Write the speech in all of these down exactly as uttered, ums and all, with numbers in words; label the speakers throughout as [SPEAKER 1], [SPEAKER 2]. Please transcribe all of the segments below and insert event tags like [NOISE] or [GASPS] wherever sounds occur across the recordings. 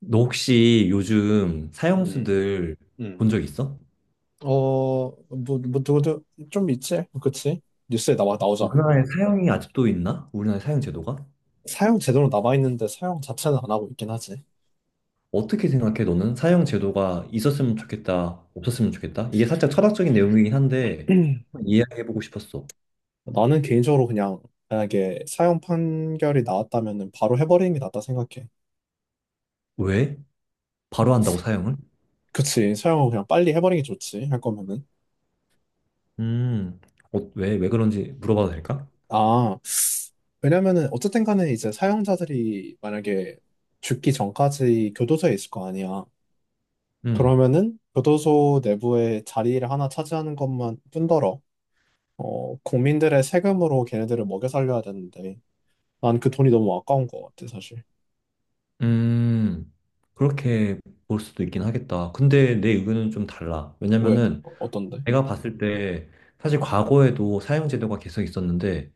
[SPEAKER 1] 너 혹시 요즘
[SPEAKER 2] 음,
[SPEAKER 1] 사형수들 본
[SPEAKER 2] 음.
[SPEAKER 1] 적 있어?
[SPEAKER 2] 어, 뭐, 뭐, 누구도 좀 있지? 그치? 뉴스에 나와, 나오잖아.
[SPEAKER 1] 우리나라에 사형이 아직도 있나? 우리나라에 사형 제도가?
[SPEAKER 2] 사용 제대로 남아있는데 사용 자체는 안 하고 있긴 하지.
[SPEAKER 1] 어떻게 생각해? 너는 사형 제도가 있었으면 좋겠다, 없었으면 좋겠다? 이게 살짝 철학적인 내용이긴 한데
[SPEAKER 2] [CLEARS THROAT]
[SPEAKER 1] 한번 이해해보고 싶었어.
[SPEAKER 2] 나는 개인적으로 그냥, 만약에 사용 판결이 나왔다면은 바로 해버리는 게 낫다 생각해.
[SPEAKER 1] 왜? 바로 한다고 사형을?
[SPEAKER 2] 그치. 사용을 그냥 빨리 해버리는 게 좋지. 할 거면은.
[SPEAKER 1] 음, 어, 왜, 왜 그런지 물어봐도 될까?
[SPEAKER 2] 아, 왜냐면은 어쨌든 간에 이제 사용자들이 만약에 죽기 전까지 교도소에 있을 거 아니야.
[SPEAKER 1] 음,
[SPEAKER 2] 그러면은 교도소 내부에 자리를 하나 차지하는 것만 뿐더러 어, 국민들의 세금으로 걔네들을 먹여 살려야 되는데, 난 그 돈이 너무 아까운 것 같아, 사실.
[SPEAKER 1] 음, 그렇게 볼 수도 있긴 하겠다. 근데 내 의견은 좀 달라.
[SPEAKER 2] 왜,
[SPEAKER 1] 왜냐면은
[SPEAKER 2] 너- 어떤데?
[SPEAKER 1] 내가 봤을 때, 사실 과거에도 사형 제도가 계속 있었는데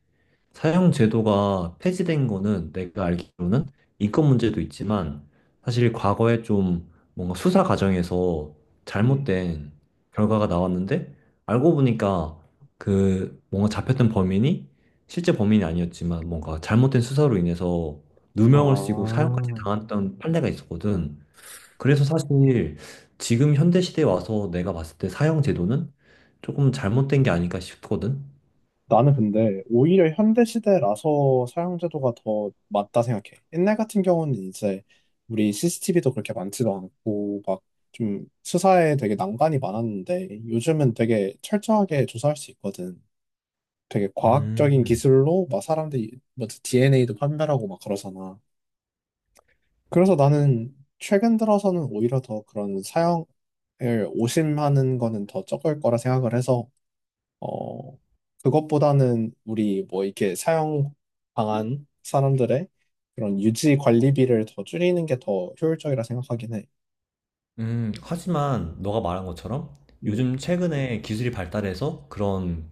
[SPEAKER 1] 사형 제도가 폐지된 거는, 내가 알기로는 인권 문제도 있지만 사실 과거에 좀 뭔가 수사 과정에서
[SPEAKER 2] 음.
[SPEAKER 1] 잘못된 결과가 나왔는데 알고 보니까 그 뭔가 잡혔던 범인이 실제 범인이 아니었지만, 뭔가 잘못된 수사로 인해서 누명을 쓰고 사형까지
[SPEAKER 2] 아,
[SPEAKER 1] 당했던 판례가 있었거든. 그래서 사실 지금 현대 시대에 와서 내가 봤을 때 사형 제도는 조금 잘못된 게 아닐까 싶거든.
[SPEAKER 2] 나는 근데 오히려 현대 시대라서 사용제도가 더 맞다 생각해. 옛날 같은 경우는 이제 우리 씨씨티비도 그렇게 많지도 않고 막 좀 수사에 되게 난관이 많았는데 요즘은 되게 철저하게 조사할 수 있거든. 되게 과학적인
[SPEAKER 1] 음.
[SPEAKER 2] 기술로 막 사람들이 뭐 디엔에이도 판별하고 막 그러잖아. 그래서 나는 최근 들어서는 오히려 더 그런 사형을 오심하는 거는 더 적을 거라 생각을 해서, 어, 그것보다는 우리 뭐 이렇게 사형 당한 사람들의 그런 유지 관리비를 더 줄이는 게 더 효율적이라 생각하긴 해.
[SPEAKER 1] 음, 하지만 너가 말한 것처럼
[SPEAKER 2] 음,
[SPEAKER 1] 요즘 최근에 기술이 발달해서 그런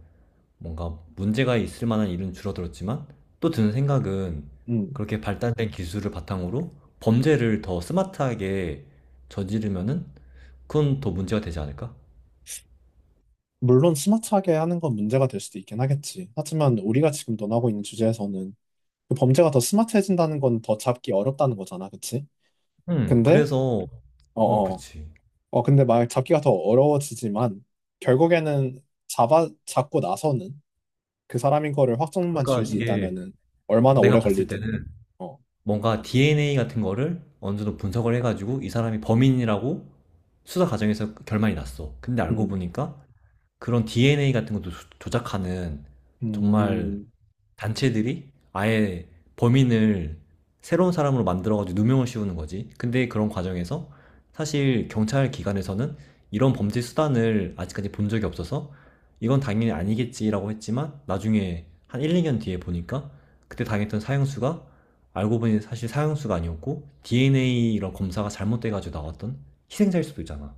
[SPEAKER 1] 뭔가 문제가 있을 만한 일은 줄어들었지만, 또 드는 생각은
[SPEAKER 2] 음.
[SPEAKER 1] 그렇게 발달된 기술을 바탕으로 범죄를 더 스마트하게 저지르면은 그건 더 문제가 되지 않을까?
[SPEAKER 2] 물론 스마트하게 하는 건 문제가 될 수도 있긴 하겠지. 하지만 우리가 지금 논하고 있는 주제에서는 그 범죄가 더 스마트해진다는 건 더 잡기 어렵다는 거잖아, 그치?
[SPEAKER 1] 음,
[SPEAKER 2] 근데,
[SPEAKER 1] 그래서 어,
[SPEAKER 2] 어어.
[SPEAKER 1] 그렇지.
[SPEAKER 2] 어, 근데 말 잡기가 더 어려워지지만 결국에는 잡아 잡고 나서는 그 사람인 거를 확정만 지을
[SPEAKER 1] 그러니까
[SPEAKER 2] 수
[SPEAKER 1] 이게
[SPEAKER 2] 있다면은 얼마나 오래
[SPEAKER 1] 내가 봤을
[SPEAKER 2] 걸리든.
[SPEAKER 1] 때는,
[SPEAKER 2] 어.
[SPEAKER 1] 뭔가 디엔에이 같은 거를 어느 정도 분석을 해가지고 이 사람이 범인이라고 수사 과정에서 결말이 났어. 근데 알고
[SPEAKER 2] 음.
[SPEAKER 1] 보니까 그런 디엔에이 같은 것도 조- 조작하는 정말
[SPEAKER 2] 음.
[SPEAKER 1] 단체들이 아예 범인을 새로운 사람으로 만들어가지고 누명을 씌우는 거지. 근데 그런 과정에서 사실 경찰 기관에서는 이런 범죄 수단을 아직까지 본 적이 없어서 이건 당연히 아니겠지라고 했지만, 나중에 한 일, 이 년 뒤에 보니까 그때 당했던 사형수가, 알고 보니 사실 사형수가 아니었고 디엔에이 이런 검사가 잘못돼가지고 나왔던 희생자일 수도 있잖아.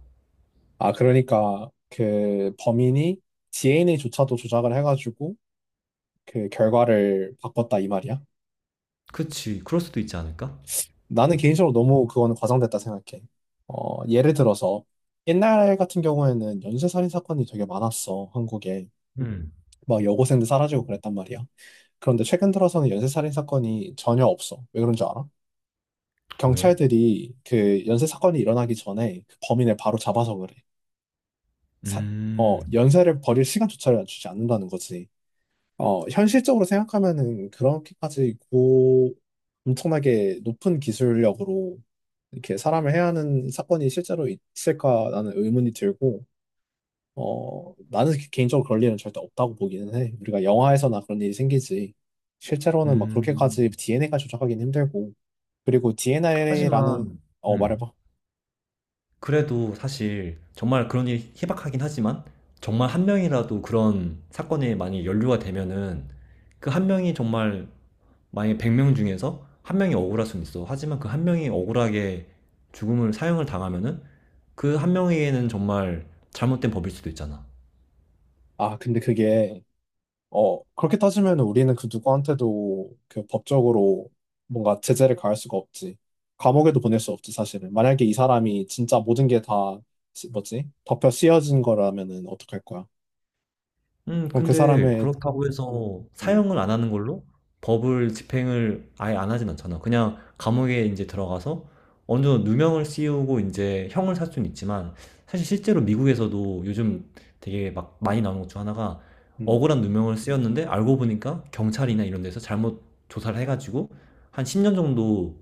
[SPEAKER 2] 아, 그러니까 그 범인이 디엔에이조차도 조작을 해가지고 그 결과를 바꿨다 이 말이야.
[SPEAKER 1] 그치, 그럴 수도 있지 않을까?
[SPEAKER 2] 나는 개인적으로 너무 그거는 과장됐다 생각해. 어, 예를 들어서 옛날 같은 경우에는 연쇄살인 사건이 되게 많았어, 한국에.
[SPEAKER 1] 음,
[SPEAKER 2] 막 여고생들 사라지고 그랬단 말이야. 그런데 최근 들어서는 연쇄살인 사건이 전혀 없어. 왜 그런 줄 알아?
[SPEAKER 1] 왜?
[SPEAKER 2] 경찰들이 그 연쇄 사건이 일어나기 전에 그 범인을 바로 잡아서 그래. 사- 어,
[SPEAKER 1] 음.
[SPEAKER 2] 연쇄를 벌일 시간조차를 주지 않는다는 거지. 어, 현실적으로 생각하면은 그렇게까지 고 엄청나게 높은 기술력으로 이렇게 사람을 해야 하는 사건이 실제로 있을까라는 의문이 들고, 어, 나는 개인적으로 그럴 일은 절대 없다고 보기는 해. 우리가 영화에서나 그런 일이 생기지. 실제로는 막
[SPEAKER 1] 음.
[SPEAKER 2] 그렇게까지 디엔에이가 조작하기는 힘들고. 그리고 디엔에이라는,
[SPEAKER 1] 하지만.
[SPEAKER 2] 어,
[SPEAKER 1] 음.
[SPEAKER 2] 말해봐.
[SPEAKER 1] 그래도 사실 정말 그런 일이 희박하긴 하지만, 정말 한 명이라도 그런 사건에 만약에 연루가 되면은, 그 한 명이 정말, 만약에 백 명 중에서 한 명이 억울할 수는 있어. 하지만 그 한 명이 억울하게 죽음을, 사형을 당하면은 그 한 명에게는 정말 잘못된 법일 수도 있잖아.
[SPEAKER 2] 아, 근데 그게, 어, 그렇게 따지면 우리는 그 누구한테도 그 법적으로 뭔가 제재를 가할 수가 없지. 감옥에도 보낼 수 없지, 사실은. 만약에 이 사람이 진짜 모든 게 다, 뭐지? 덮여 씌어진 거라면은 어떡할 거야?
[SPEAKER 1] 음,
[SPEAKER 2] 그럼 그
[SPEAKER 1] 근데
[SPEAKER 2] 사람의,
[SPEAKER 1] 그렇다고 해서
[SPEAKER 2] 음,
[SPEAKER 1] 사형을 안 하는 걸로 법을 집행을 아예 안 하진 않잖아. 그냥 감옥에 이제 들어가서 어느 정도 누명을 씌우고 이제 형을 살 수는 있지만, 사실 실제로 미국에서도 요즘 되게 막 많이 나오는 것 중 하나가,
[SPEAKER 2] 음,
[SPEAKER 1] 억울한 누명을 씌웠는데 알고 보니까 경찰이나 이런 데서 잘못 조사를 해가지고 한 십 년 정도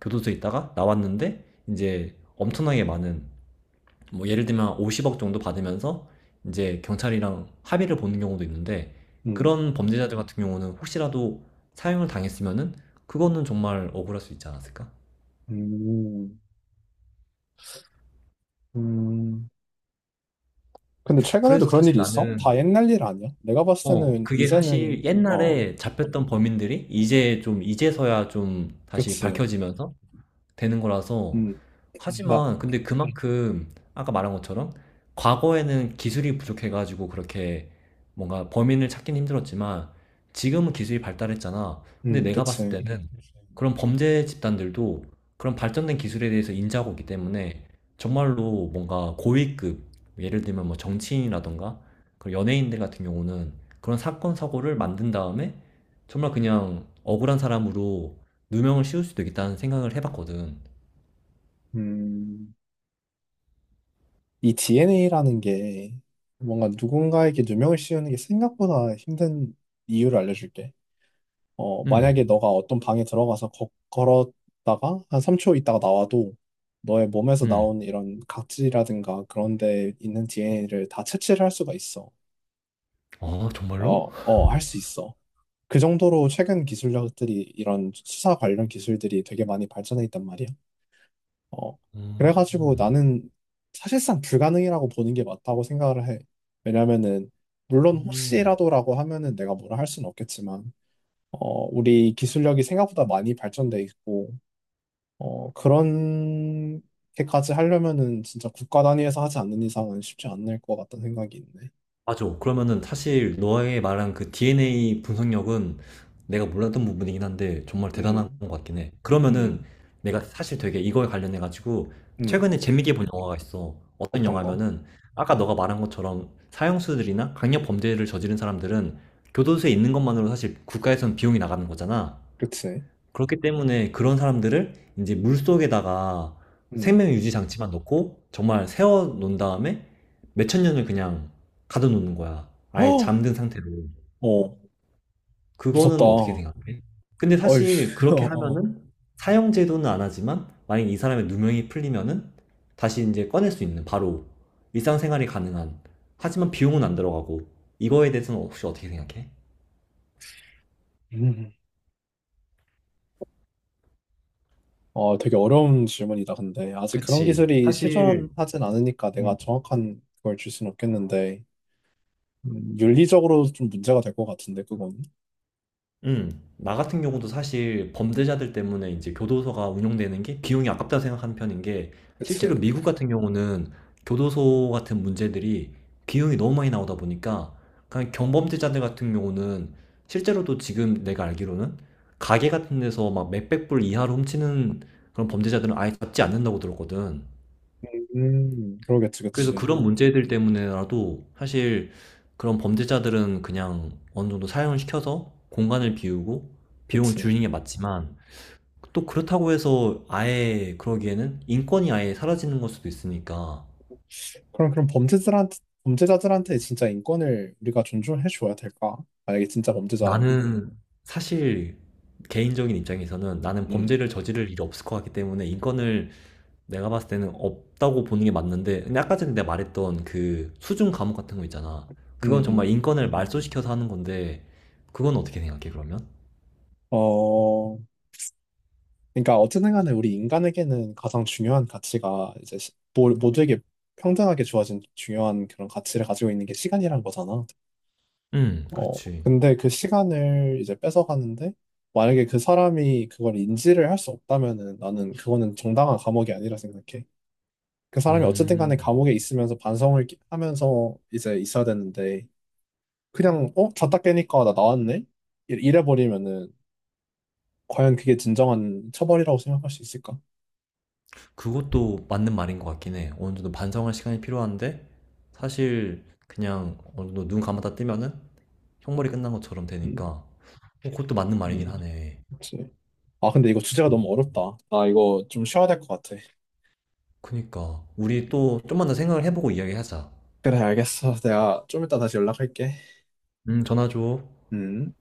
[SPEAKER 1] 교도소에 있다가 나왔는데 이제 엄청나게 많은, 뭐 예를 들면 오십억 정도 받으면서 이제 경찰이랑 합의를 보는 경우도 있는데,
[SPEAKER 2] 음,
[SPEAKER 1] 그런 범죄자들 같은 경우는 혹시라도 사형을 당했으면은 그거는 정말 억울할 수 있지 않았을까?
[SPEAKER 2] 음, 음. 근데 최근에도
[SPEAKER 1] 그래서
[SPEAKER 2] 그런
[SPEAKER 1] 사실
[SPEAKER 2] 일이 있어?
[SPEAKER 1] 나는,
[SPEAKER 2] 다 옛날 일 아니야? 내가 봤을
[SPEAKER 1] 어
[SPEAKER 2] 때는
[SPEAKER 1] 그게
[SPEAKER 2] 이제는.
[SPEAKER 1] 사실
[SPEAKER 2] 어.
[SPEAKER 1] 옛날에 잡혔던 범인들이 이제 좀 이제서야 좀 다시
[SPEAKER 2] 그치.
[SPEAKER 1] 밝혀지면서 되는 거라서.
[SPEAKER 2] 음나음.
[SPEAKER 1] 하지만 근데 그만큼 아까 말한 것처럼, 과거에는 기술이 부족해가지고 그렇게 뭔가 범인을 찾긴 힘들었지만 지금은 기술이 발달했잖아. 근데 내가 봤을
[SPEAKER 2] 그치.
[SPEAKER 1] 때는 그런 범죄 집단들도 그런 발전된 기술에 대해서 인지하고 있기 때문에, 정말로 뭔가 고위급, 예를 들면 뭐 정치인이라던가 그런 연예인들 같은 경우는, 그런 사건, 사고를 만든 다음에 정말 그냥 억울한 사람으로 누명을 씌울 수도 있겠다는 생각을 해봤거든.
[SPEAKER 2] 음이. 디엔에이라는 게 뭔가 누군가에게 누명을 씌우는 게 생각보다 힘든 이유를 알려줄게. 어,
[SPEAKER 1] 음.
[SPEAKER 2] 만약에 너가 어떤 방에 들어가서 거, 걸었다가 한 삼 초 있다가 나와도 너의 몸에서
[SPEAKER 1] 음.
[SPEAKER 2] 나온 이런 각질이라든가 그런 데 있는 디엔에이를 다 채취를 할 수가 있어.
[SPEAKER 1] 아, 정말로?
[SPEAKER 2] 어, 어, 할 수 있어. 그 정도로 최근 기술력들이 이런 수사 관련 기술들이 되게 많이 발전해 있단 말이야. 어.
[SPEAKER 1] 음.
[SPEAKER 2] 그래가지고
[SPEAKER 1] 음.
[SPEAKER 2] 나는 사실상 불가능이라고 보는 게 맞다고 생각을 해. 왜냐면은 물론
[SPEAKER 1] 음.
[SPEAKER 2] 혹시라도라고 하면은 내가 뭐라 할 수는 없겠지만, 어, 우리 기술력이 생각보다 많이 발전돼 있고, 어, 그런 게까지 하려면은 진짜 국가 단위에서 하지 않는 이상은 쉽지 않을 것 같다는 생각이 있네.
[SPEAKER 1] 맞아. 그러면은, 사실 너의 말한 그 디엔에이 분석력은 내가 몰랐던 부분이긴 한데 정말 대단한
[SPEAKER 2] 음,
[SPEAKER 1] 것 같긴 해. 그러면은,
[SPEAKER 2] 음,
[SPEAKER 1] 내가 사실 되게 이거에 관련해 가지고
[SPEAKER 2] 음.
[SPEAKER 1] 최근에 재밌게 본 영화가 있어. 어떤
[SPEAKER 2] 어떤 거?
[SPEAKER 1] 영화면은, 아까 너가 말한 것처럼 사형수들이나 강력 범죄를 저지른 사람들은 교도소에 있는 것만으로 사실 국가에선 비용이 나가는 거잖아.
[SPEAKER 2] 그치?
[SPEAKER 1] 그렇기 때문에 그런 사람들을 이제 물속에다가
[SPEAKER 2] 음.
[SPEAKER 1] 생명 유지 장치만 넣고 정말 세워 놓은 다음에 몇천 년을 그냥 가둬 놓는 거야. 아예
[SPEAKER 2] [GASPS]
[SPEAKER 1] 잠든 상태로.
[SPEAKER 2] 어! 어. 무섭다.
[SPEAKER 1] 그거는 어떻게 생각해? 근데
[SPEAKER 2] 어이,
[SPEAKER 1] 사실
[SPEAKER 2] [LAUGHS]
[SPEAKER 1] 그렇게
[SPEAKER 2] 어,
[SPEAKER 1] 하면은 사형 제도는 안 하지만, 만약 이 사람의 누명이 풀리면은 다시 이제 꺼낼 수 있는, 바로 일상생활이 가능한, 하지만 비용은 안 들어가고. 이거에 대해서는 혹시 어떻게 생각해?
[SPEAKER 2] 음. 어, 되게 어려운 질문이다, 근데. 아직 그런
[SPEAKER 1] 그치.
[SPEAKER 2] 기술이
[SPEAKER 1] 사실.
[SPEAKER 2] 실존하진 않으니까 내가 정확한 걸 줄 수는 없겠는데, 음, 윤리적으로 좀 문제가 될 것 같은데, 그건.
[SPEAKER 1] 음. 나 같은 경우도 사실 범죄자들 때문에 이제 교도소가 운영되는 게 비용이 아깝다 생각하는 편인 게, 실제로
[SPEAKER 2] 그치.
[SPEAKER 1] 미국 같은 경우는 교도소 같은 문제들이 비용이 너무 많이 나오다 보니까 그냥 경범죄자들 같은 경우는, 실제로도 지금 내가 알기로는 가게 같은 데서 막 몇백 불 이하로 훔치는 그런 범죄자들은 아예 잡지 않는다고 들었거든.
[SPEAKER 2] 음, 그러겠지,
[SPEAKER 1] 그래서
[SPEAKER 2] 그치.
[SPEAKER 1] 그런 문제들 때문에라도 사실 그런 범죄자들은 그냥 어느 정도 사형을 시켜서 공간을 비우고 비용을
[SPEAKER 2] 그치.
[SPEAKER 1] 줄이는 게 맞지만, 또 그렇다고 해서 아예 그러기에는 인권이 아예 사라지는 걸 수도 있으니까.
[SPEAKER 2] 그럼, 그럼 범죄자들한테, 범죄자들한테 진짜 인권을 우리가 존중해 줘야 될까? 만약에 진짜 범죄자라면.
[SPEAKER 1] 나는 사실, 개인적인 입장에서는 나는
[SPEAKER 2] 음,
[SPEAKER 1] 범죄를 저지를 일이 없을 것 같기 때문에 인권을 내가 봤을 때는 없다고 보는 게 맞는데, 근데 아까 전에 내가 말했던 그 수중 감옥 같은 거 있잖아. 그건
[SPEAKER 2] 음,
[SPEAKER 1] 정말 인권을 말소시켜서 하는 건데, 그건 어떻게 생각해 그러면?
[SPEAKER 2] 어, 그러니까 어쨌든 간에 우리 인간에게는 가장 중요한 가치가 이제 시- 모- 모두에게 평등하게 주어진 중요한 그런 가치를 가지고 있는 게 시간이란 거잖아.
[SPEAKER 1] 음
[SPEAKER 2] 어,
[SPEAKER 1] 그렇지.
[SPEAKER 2] 근데 그 시간을 이제 뺏어가는데, 만약에 그 사람이 그걸 인지를 할 수 없다면은 나는 그거는 정당한 감옥이 아니라 생각해. 그 사람이 어쨌든 간에
[SPEAKER 1] 음.
[SPEAKER 2] 감옥에 있으면서 반성을 끼- 하면서 이제 있어야 되는데, 그냥 어? 잤다 깨니까 나 나왔네? 이- 이래 버리면은 과연 그게 진정한 처벌이라고 생각할 수 있을까?
[SPEAKER 1] 그것도 맞는 말인 것 같긴 해. 어느 정도 반성할 시간이 필요한데 사실 그냥 어느 정도 눈 감았다 뜨면은 형벌이 끝난 것처럼
[SPEAKER 2] 음,
[SPEAKER 1] 되니까, 어, 그것도 맞는 말이긴
[SPEAKER 2] 음.
[SPEAKER 1] 하네.
[SPEAKER 2] 그치. 아, 근데 이거 주제가 너무 어렵다. 나 이거 좀 쉬어야 될 것 같아.
[SPEAKER 1] 그니까 우리 또 좀만 더 생각을 해보고 이야기하자.
[SPEAKER 2] 그래, 알겠어. 내가 좀 이따 다시 연락할게.
[SPEAKER 1] 음 전화 줘.
[SPEAKER 2] 음.